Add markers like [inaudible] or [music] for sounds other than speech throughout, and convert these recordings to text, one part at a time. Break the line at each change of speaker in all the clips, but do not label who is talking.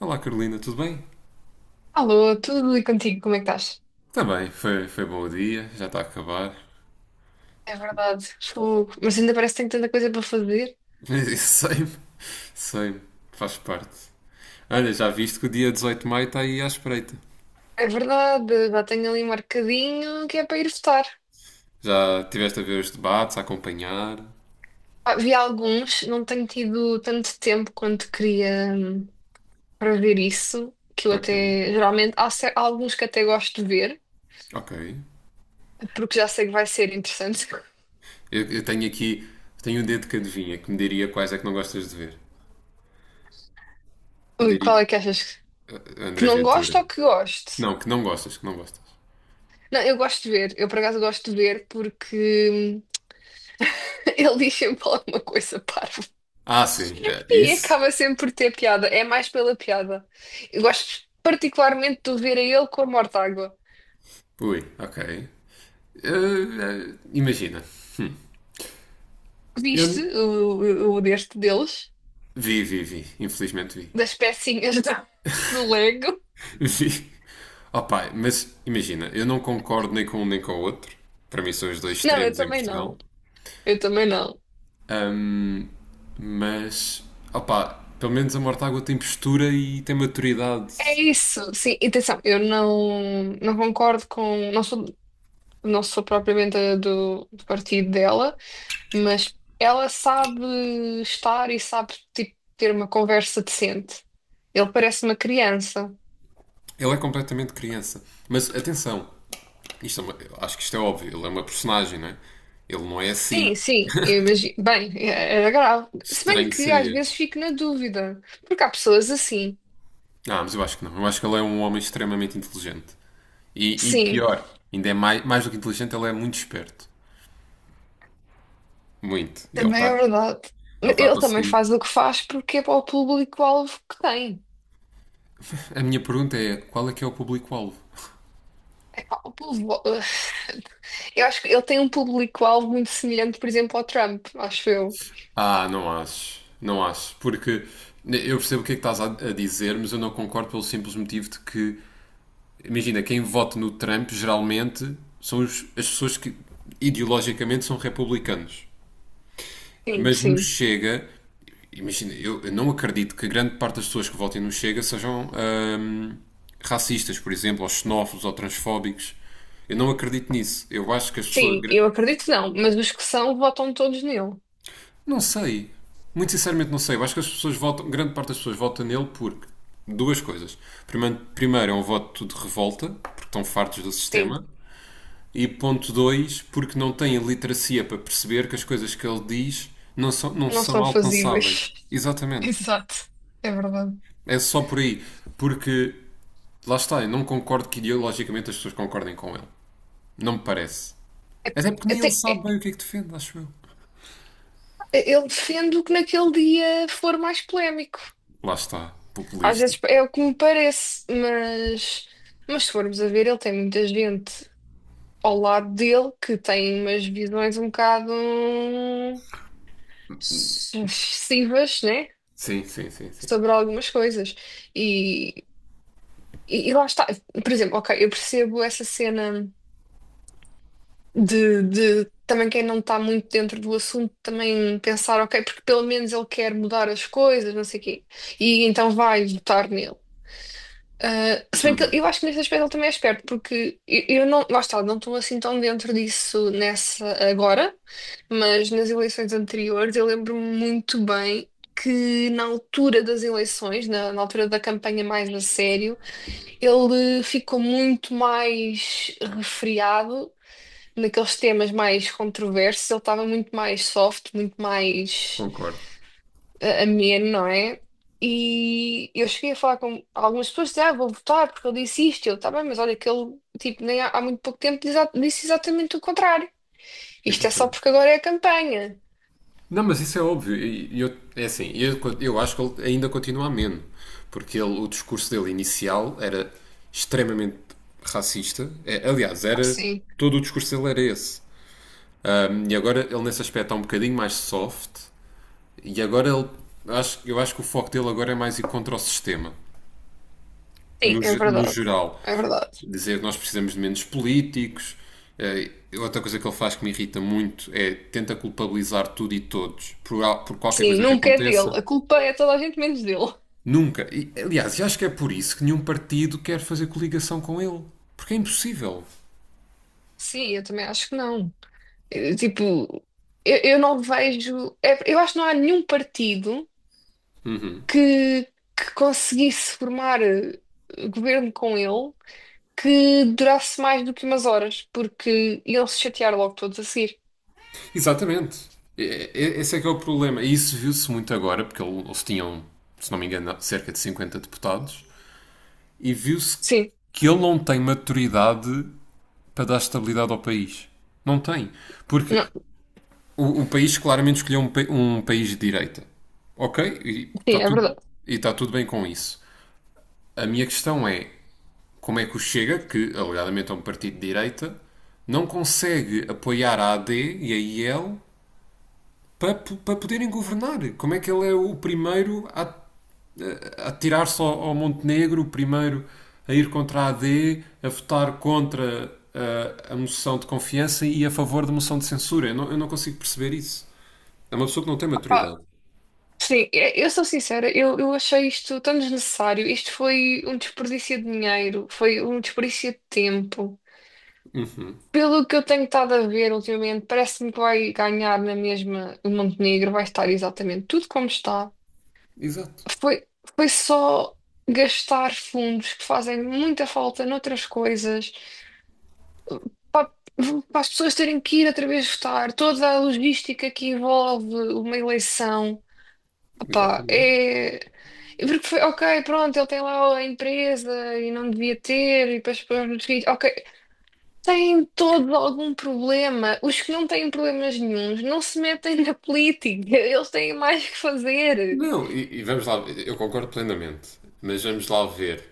Olá, Carolina, tudo bem?
Alô, tudo e contigo, como é que estás?
Está bem, foi bom o dia, já está a acabar.
É verdade, fogo. Mas ainda parece que tenho tanta coisa para fazer.
[laughs] Sei-me, sei-me, faz parte. Olha, já viste que o dia 18 de maio está aí à espreita?
É verdade, já tenho ali marcadinho que é para ir votar.
Já tiveste a ver os debates, a acompanhar?
Ah, vi alguns, não tenho tido tanto tempo quanto queria para ver isso, que eu
Ok,
até, geralmente, há alguns que até gosto de ver,
ok.
porque já sei que vai ser interessante.
Eu tenho aqui, tenho um dedo de adivinha que me diria quais é que não gostas de ver.
[laughs] Ui,
Diria
qual é que achas que que
André
não
Ventura.
gosto ou que gosto?
Não, que não gostas, que não gostas.
Não, eu gosto de ver, eu por acaso gosto de ver porque hum, [laughs] ele diz sempre alguma coisa parva. [laughs]
Ah, sim, é,
E
isso?
acaba sempre por ter piada. É mais pela piada. Eu gosto particularmente de o ver a ele com a Mortágua.
Ui, ok. Imagina. Hum.
Viste
Eu,
o deste deles?
vi, vi, vi. Infelizmente vi.
Das pecinhas [laughs] do Lego?
[laughs] Vi. Opa, mas imagina, eu não concordo nem com um nem com o outro. Para mim são os dois
Não, eu
extremos em
também
Portugal.
não. Eu também não.
Ahm, mas, opa, pelo menos a Mortágua tem postura e tem maturidade.
É isso. Sim, e atenção, eu não concordo com. Não sou propriamente a do partido dela, mas ela sabe estar e sabe tipo, ter uma conversa decente. Ele parece uma criança.
Ele é completamente criança. Mas atenção, isto é uma- eu acho que isto é óbvio. Ele é uma personagem, não é? Ele não é
Sim,
assim.
sim, eu imagino. Bem, era grave. Se bem
Estranho que
que às
seria.
vezes fico na dúvida, porque há pessoas assim.
Ah, mas eu acho que não. Eu acho que ele é um homem extremamente inteligente. E
Sim,
pior, ainda é mais, mais do que inteligente, ele é muito esperto. Muito. E ele
também é
está,
verdade.
ele tá a
Ele também
conseguir.
faz o que faz porque é para o público-alvo que tem.
A minha pergunta é: qual é que é o público-alvo?
Pá, eu acho que ele tem um público-alvo muito semelhante, por exemplo, ao Trump, acho eu.
Ah, não acho. Não acho. Porque eu percebo o que é que estás a dizer, mas eu não concordo pelo simples motivo de que, imagina, quem vota no Trump geralmente são os- as pessoas que ideologicamente são republicanos.
Sim,
Mas no
sim.
Chega, imagina, eu não acredito que grande parte das pessoas que votem no Chega sejam racistas, por exemplo, ou xenófobos ou transfóbicos. Eu não acredito nisso. Eu acho que as pessoas.
Sim, eu acredito que não, mas os que são votam todos nele.
Não sei. Muito sinceramente não sei. Eu acho que as pessoas votam, grande parte das pessoas vota nele porque duas coisas. Primeiro, primeiro é um voto de revolta, porque estão fartos do
Sim,
sistema. E ponto dois, porque não têm literacia para perceber que as coisas que ele diz não são, não
não
são
são fazíveis.
alcançáveis.
[laughs]
Exatamente.
Exato, é verdade.
É só por aí. Porque, lá está, eu não concordo que ideologicamente as pessoas concordem com ele. Não me parece.
É,
Até porque
eu
nem ele
tenho-
sabe bem o que é que defende, acho eu.
Eu defendo que naquele dia for mais polémico.
Lá está,
Às
populista.
vezes é o que me parece, mas se formos a ver, ele tem muita gente ao lado dele que tem umas visões um bocado excessivas, né?
Sim, sim, sim, sim.
Sobre algumas coisas. E, e lá está. Por exemplo, ok, eu percebo essa cena de também quem não está muito dentro do assunto também pensar, ok, porque pelo menos ele quer mudar as coisas, não sei o quê. E então vai votar nele. Se bem que
Uhum,
eu acho que nesse aspecto ele também é esperto, porque eu não, lá está, não estou assim tão dentro disso nessa agora, mas nas eleições anteriores eu lembro-me muito bem que na altura das eleições, na altura da campanha mais a sério, ele ficou muito mais refriado naqueles temas mais controversos, ele estava muito mais soft, muito mais
concordo.
a minha, não é? E eu cheguei a falar com algumas pessoas, dizia, ah, vou votar porque ele disse isto. Eu, tá bem, mas olha que ele, tipo, nem há muito pouco tempo diz disse exatamente o contrário. Isto é só
Exatamente.
porque agora é a campanha.
Não, mas isso é óbvio. E eu, é assim, eu acho que ele ainda continua ameno, porque ele- o discurso dele inicial era extremamente racista. É, aliás,
Ah,
era
sim,
todo o discurso dele era esse. E agora ele nesse aspecto está um bocadinho mais soft. E agora ele, acho, eu acho que o foco dele agora é mais ir contra o sistema,
sim,
no,
é
ge- no
verdade.
geral.
É verdade.
Dizer que nós precisamos de menos políticos. Eh, outra coisa que ele faz que me irrita muito é tenta culpabilizar tudo e todos por, al- por qualquer
Sim,
coisa que
nunca é
aconteça.
dele. A culpa é toda a gente menos dele.
Nunca. E, aliás, eu acho que é por isso que nenhum partido quer fazer coligação com ele. Porque é impossível.
Sim, eu também acho que não. Eu, tipo, eu não vejo. Eu acho que não há nenhum partido que, que conseguisse formar governo com ele que durasse mais do que umas horas, porque iam se chatear logo todos a seguir.
Exatamente. E- esse é que é o problema. E isso viu-se muito agora, porque ele- eles tinham, se não me engano, cerca de 50 deputados. E viu-se
Sim,
que ele não tem maturidade para dar estabilidade ao país. Não tem. Porque
não,
o país claramente escolheu um, pa- um país de direita. Ok?
sim, é verdade.
E está tudo bem com isso. A minha questão é: como é que o Chega, que alegadamente é um partido de direita, não consegue apoiar a AD e a IL para, po- para poderem governar? Como é que ele é o primeiro a tirar-se ao, ao Montenegro, o primeiro a ir contra a AD, a votar contra a moção de confiança e a favor da moção de censura? Eu não consigo perceber isso. É uma pessoa que não tem maturidade.
Pá, sim, eu sou sincera, eu achei isto tão desnecessário. Isto foi um desperdício de dinheiro, foi um desperdício de tempo. Pelo que eu tenho estado a ver ultimamente, parece-me que vai ganhar na mesma o Montenegro, vai estar exatamente tudo como está.
Exato,
Foi, foi só gastar fundos que fazem muita falta noutras coisas. Pá, para as pessoas terem que ir outra vez votar, toda a logística que envolve uma eleição, opá,
exatamente.
é. Porque foi, ok, pronto, ele tem lá a empresa e não devia ter, e para as pessoas nos filhos, ok, tem todo algum problema. Os que não têm problemas nenhuns não se metem na política, [laughs] eles têm mais que fazer.
Não, e vamos lá, eu concordo plenamente, mas vamos lá ver.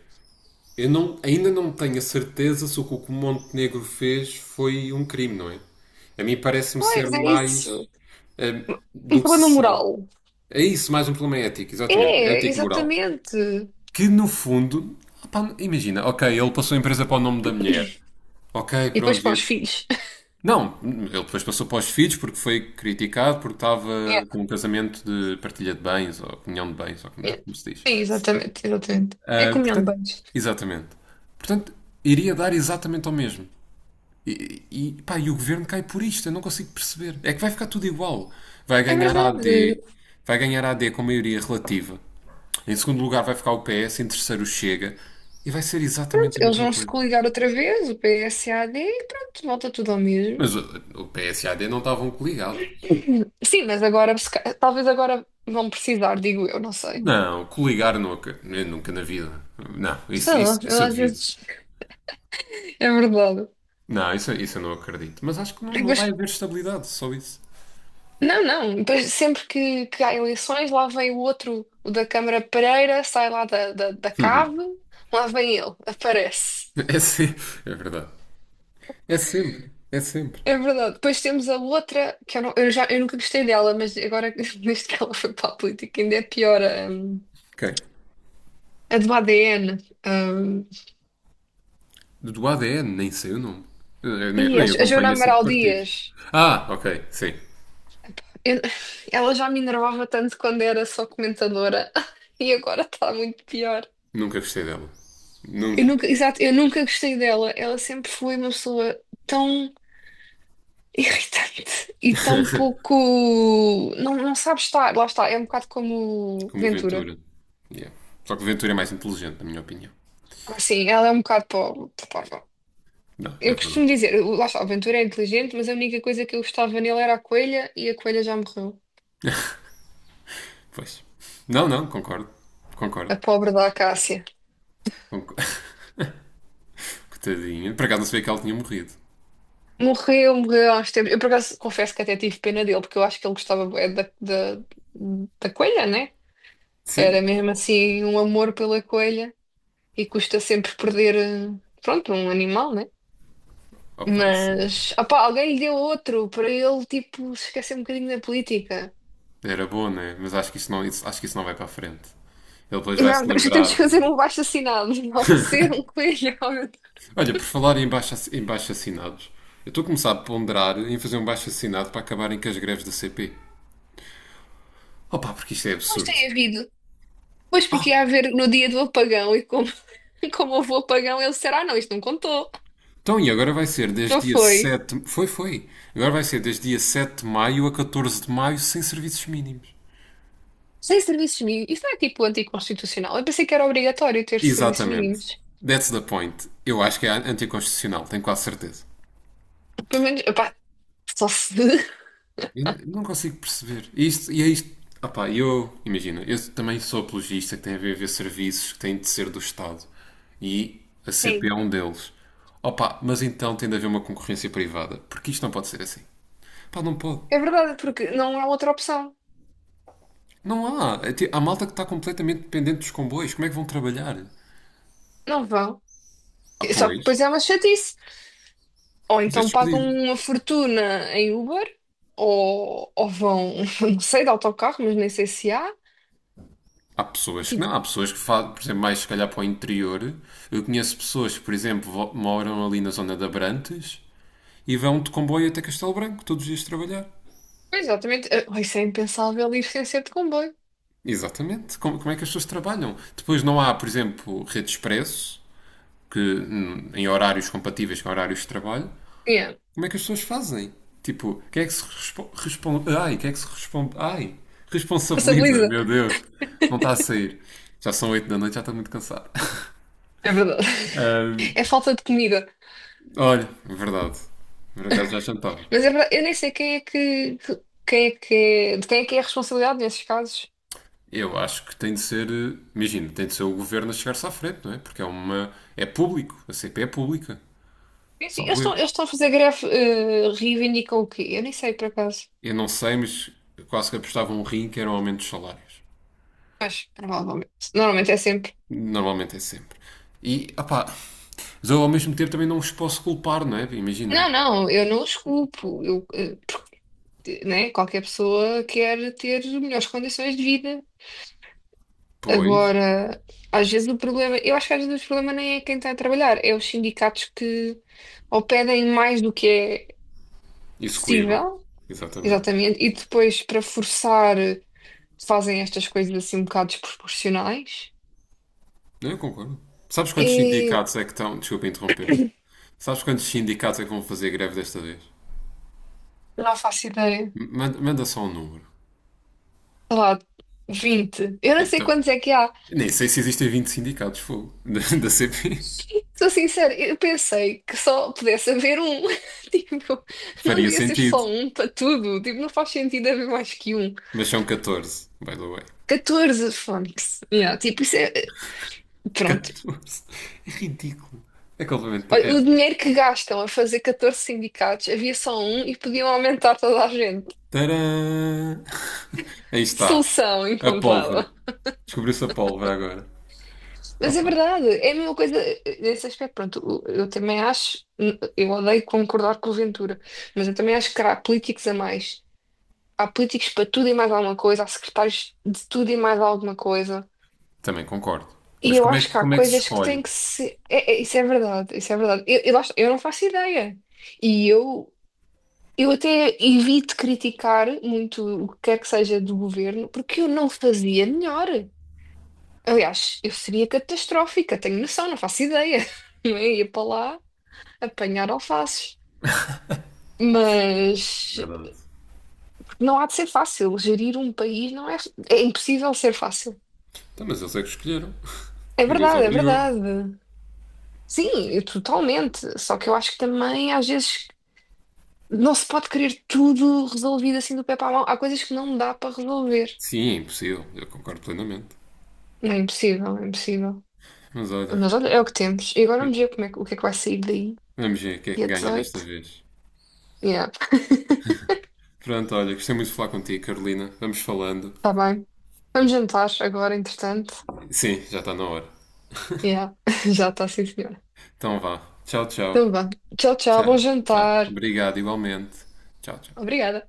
Eu não, ainda não tenho a certeza se o que o Montenegro fez foi um crime, não é? A mim parece-me ser
Pois é
mais
isso.
eh,
Um
do que
problema
se sabe.
moral.
É isso, mais um problema ético, exatamente,
É,
ético-moral.
exatamente.
Que no fundo, opá, imagina, ok, ele passou a empresa para o nome da mulher. Ok,
E depois
pronto,
para os
devia,
filhos.
não, ele depois passou para os filhos porque foi criticado porque estava
[laughs] É,
com um casamento de partilha de bens ou comunhão de bens, ou como,
é.
como se diz.
Sim, exatamente, exatamente. É
Ah,
comunhão de
portanto,
bens.
exatamente. Portanto, iria dar exatamente ao mesmo. E, pá, e o governo cai por isto, eu não consigo perceber. É que vai ficar tudo igual. Vai
É
ganhar a
verdade.
AD, vai ganhar a AD com maioria relativa. Em segundo lugar vai ficar o PS, em terceiro o Chega e vai ser exatamente a
Eles
mesma
vão se
coisa.
coligar outra vez, o PSAD, e pronto, volta tudo ao mesmo.
Mas o PS e a AD não estavam coligados.
Sim, mas agora, se ca- talvez agora vão precisar, digo eu, não sei.
Não, coligar nunca, eu nunca na vida. Não, isso,
Sei lá,
isso,
eu
isso eu
às
devido.
vezes. [laughs] É verdade.
Não, isso eu não acredito. Mas acho que não, não
Mas,
vai haver estabilidade, só isso.
não, não, depois sempre que há eleições, lá vem o outro, o da Câmara Pereira, sai lá da cave, lá vem ele, aparece.
[laughs] É sempre, é verdade. É sempre, é sempre.
É verdade. Depois temos a outra, que eu, não- eu já, eu nunca gostei dela, mas agora, [laughs] desde que ela foi para a política, ainda é pior. hum,
Ok.
A do ADN. hum,
Do ADN nem sei o nome. Eu nem,
e
nem
A Joana
acompanho esse tipo de
Amaral
partido.
Dias.
Ah, ok, sim.
Eu- ela já me enervava tanto quando era só comentadora [laughs] e agora está muito pior.
Nunca gostei dela.
Eu
Nunca.
nunca, exato, eu nunca gostei dela. Ela sempre foi uma pessoa tão irritante [laughs] e tão pouco. Não, não sabe estar. Lá está, é um bocado como o
Como o
Ventura.
Ventura. Yeah. Só que o Ventura é mais inteligente, na minha opinião.
Ah, sim, ela é um bocado pó- pó- pó.
Não, é
Eu
verdade.
costumo dizer, lá está, o Ventura é inteligente, mas a única coisa que eu gostava nele era a coelha e a coelha já morreu.
Pois. Não, não, concordo. Concordo.
A pobre da Acácia.
Concordo. Que tadinha. Por acaso não sabia que ela tinha morrido.
Morreu, morreu há uns tempos. Eu, por acaso, confesso que até tive pena dele, porque eu acho que ele gostava bué da, da coelha, né?
Sim.
Era mesmo assim um amor pela coelha e custa sempre perder, pronto, um animal, né?
Opa, isso
Mas, opá, alguém lhe deu outro para ele, tipo, se esquecer um bocadinho da política.
era bom, né? Mas acho que isso não, isso- acho que isso não vai para a frente. Ele depois vai
Não, [laughs]
se
mas temos
lembrar
que
de.
fazer um abaixo-assinado, [laughs] oferecer um coelho. Ao
Olha, por falar em baixo assinados, eu estou a começar a ponderar em fazer um baixo assinado para acabarem com as greves da CP. Opa, porque isto é
Mas tem
absurdo.
havido. Pois porque
Ah,
ia haver no dia do apagão e como, [laughs] como houve o apagão, ele disseram, ah, não, isto não contou,
então e agora vai ser
não
desde dia
foi.
sete. Foi, foi. Agora vai ser desde dia 7 de maio a 14 de maio sem serviços mínimos.
Sem serviços mínimos. Isso não é tipo anticonstitucional. Eu pensei que era obrigatório ter serviços
Exatamente.
mínimos.
That's the point. Eu acho que é anticonstitucional, tenho quase certeza.
Pelo menos, opá, só se. [laughs]
Eu n- não consigo perceber. E, isto, e é isto. Opá, eu. Imagina, eu também sou apologista que tem a ver ver serviços que têm de ser do Estado. E a CP
Sim.
é um deles. Opa, mas então tem de haver uma concorrência privada. Porque isto não pode ser assim. Pá, não pode.
É verdade, porque não há outra opção.
Não há. É ti- há malta que está completamente dependente dos comboios. Como é que vão trabalhar?
Não vão.
Ah,
Só que
pois.
depois é uma chatice. Ou
Mas é
então pagam
despedido.
uma fortuna em Uber, ou vão, [laughs] não sei, de autocarro, mas nem sei se há.
Há pessoas que não,
Tipo,
há pessoas que fazem, por exemplo, mais se calhar para o interior. Eu conheço pessoas que, por exemplo, vo- moram ali na zona da Abrantes e vão de comboio até Castelo Branco todos os dias trabalhar.
pois exatamente. Oh, isso é impensável ir sem ser de comboio.
Exatamente. Como, como é que as pessoas trabalham? Depois não há, por exemplo, rede de expresso, que em horários compatíveis com horários de trabalho.
Yeah.
Como é que as pessoas fazem? Tipo, quem é que se respo- responde? Ai, quem é que se responde? Ai, responsabiliza,
Passabiliza.
meu Deus. Não está a sair. Já são 8 da noite, já estou muito cansado. [laughs]
É verdade. [laughs]
Ahm,
É falta de comida.
olha, é verdade. Por acaso já jantava.
Mas é verdade, eu nem sei quem é de quem é que é a responsabilidade nesses casos.
Eu acho que tem de ser, imagina, tem de ser o governo a chegar-se à frente, não é? Porque é uma, é público, a CP é pública.
Eu sei, Eles
Salvo
estão,
erro.
eles estão a fazer greve, reivindicam o quê? Eu nem sei, por acaso.
Eu não sei, mas quase que apostava um rim que era um aumento dos salários.
Mas, provavelmente. Normalmente é sempre.
Normalmente é sempre. E, opá, mas eu ao mesmo tempo também não os posso culpar, não é?
Não,
Imagina.
não, eu não os culpo. Eu, porque, né, qualquer pessoa quer ter melhores condições de vida.
Pois,
Agora, às vezes o problema, eu acho que às vezes o problema nem é quem está a trabalhar, é os sindicatos que ou pedem mais do que é
execuíram.
possível,
Exatamente.
exatamente, e depois para forçar. Fazem estas coisas assim um bocado desproporcionais.
Não, eu concordo. Sabes quantos
E
sindicatos é que estão. Desculpa interromper. Sabes quantos sindicatos é que vão fazer greve desta vez?
não faço ideia.
M- manda, manda só um número.
Sei lá, 20. Eu
É
não
que
sei
tá-
quantos é que há.
nem sei se existem 20 sindicatos, fogo. [laughs] Da, da CP.
Sou sincera, eu pensei que só pudesse haver um. [laughs] Tipo, não
Faria
devia ser
sentido.
só um para tudo. Tipo, não faz sentido haver mais que um.
Mas são 14 by the way.
14 fónix. Yeah, tipo, isso é. Pronto.
14. É ridículo. É completamente.
Olha,
É.
o dinheiro que gastam a fazer 14 sindicatos, havia só um e podiam aumentar toda a gente.
Tadã! Aí está.
Solução
A pólvora.
encontrada.
Descobriu-se a pólvora agora.
Mas é
Opa,
verdade, é a mesma coisa nesse aspecto. Pronto, eu também acho, eu odeio concordar com o Ventura, mas eu também acho que há políticos a mais. Há políticos para tudo e mais alguma coisa, há secretários de tudo e mais alguma coisa.
também concordo.
E
Mas
eu acho que há
como é que se
coisas que
escolhe?
têm que se. É, isso é verdade, isso é verdade. Eu não faço ideia. E eu até evito criticar muito o que quer que seja do governo, porque eu não fazia melhor. Aliás, eu seria catastrófica, tenho noção, não faço ideia. [laughs] Não é? Ia para lá apanhar alfaces. Mas
Verdade.
não há de ser fácil. Gerir um país não é. É impossível ser fácil.
Então, mas eles é que escolheram.
É
Ninguém os
verdade, é
obrigou.
verdade. Sim, eu totalmente. Só que eu acho que também, às vezes, não se pode querer tudo resolvido assim do pé para a mão. Há coisas que não dá para resolver.
Sim, é impossível. Eu concordo plenamente.
Não é impossível, é impossível.
Mas olha,
Mas olha, é o que temos. E agora vamos ver como é, o que é que vai sair daí,
vamos ver quem é que
dia
ganha desta
18.
vez.
Yeah,
Pronto, olha, gostei muito de falar contigo, Carolina. Vamos falando.
está bem. Vamos jantar agora, entretanto.
Sim, já está na hora.
Yeah, [laughs] já está, sim, senhora.
Então vá. Tchau, tchau.
Então vá. Tchau, tchau.
Tchau,
Bom
tchau.
jantar.
Obrigado, igualmente. Tchau, tchau.
Obrigada.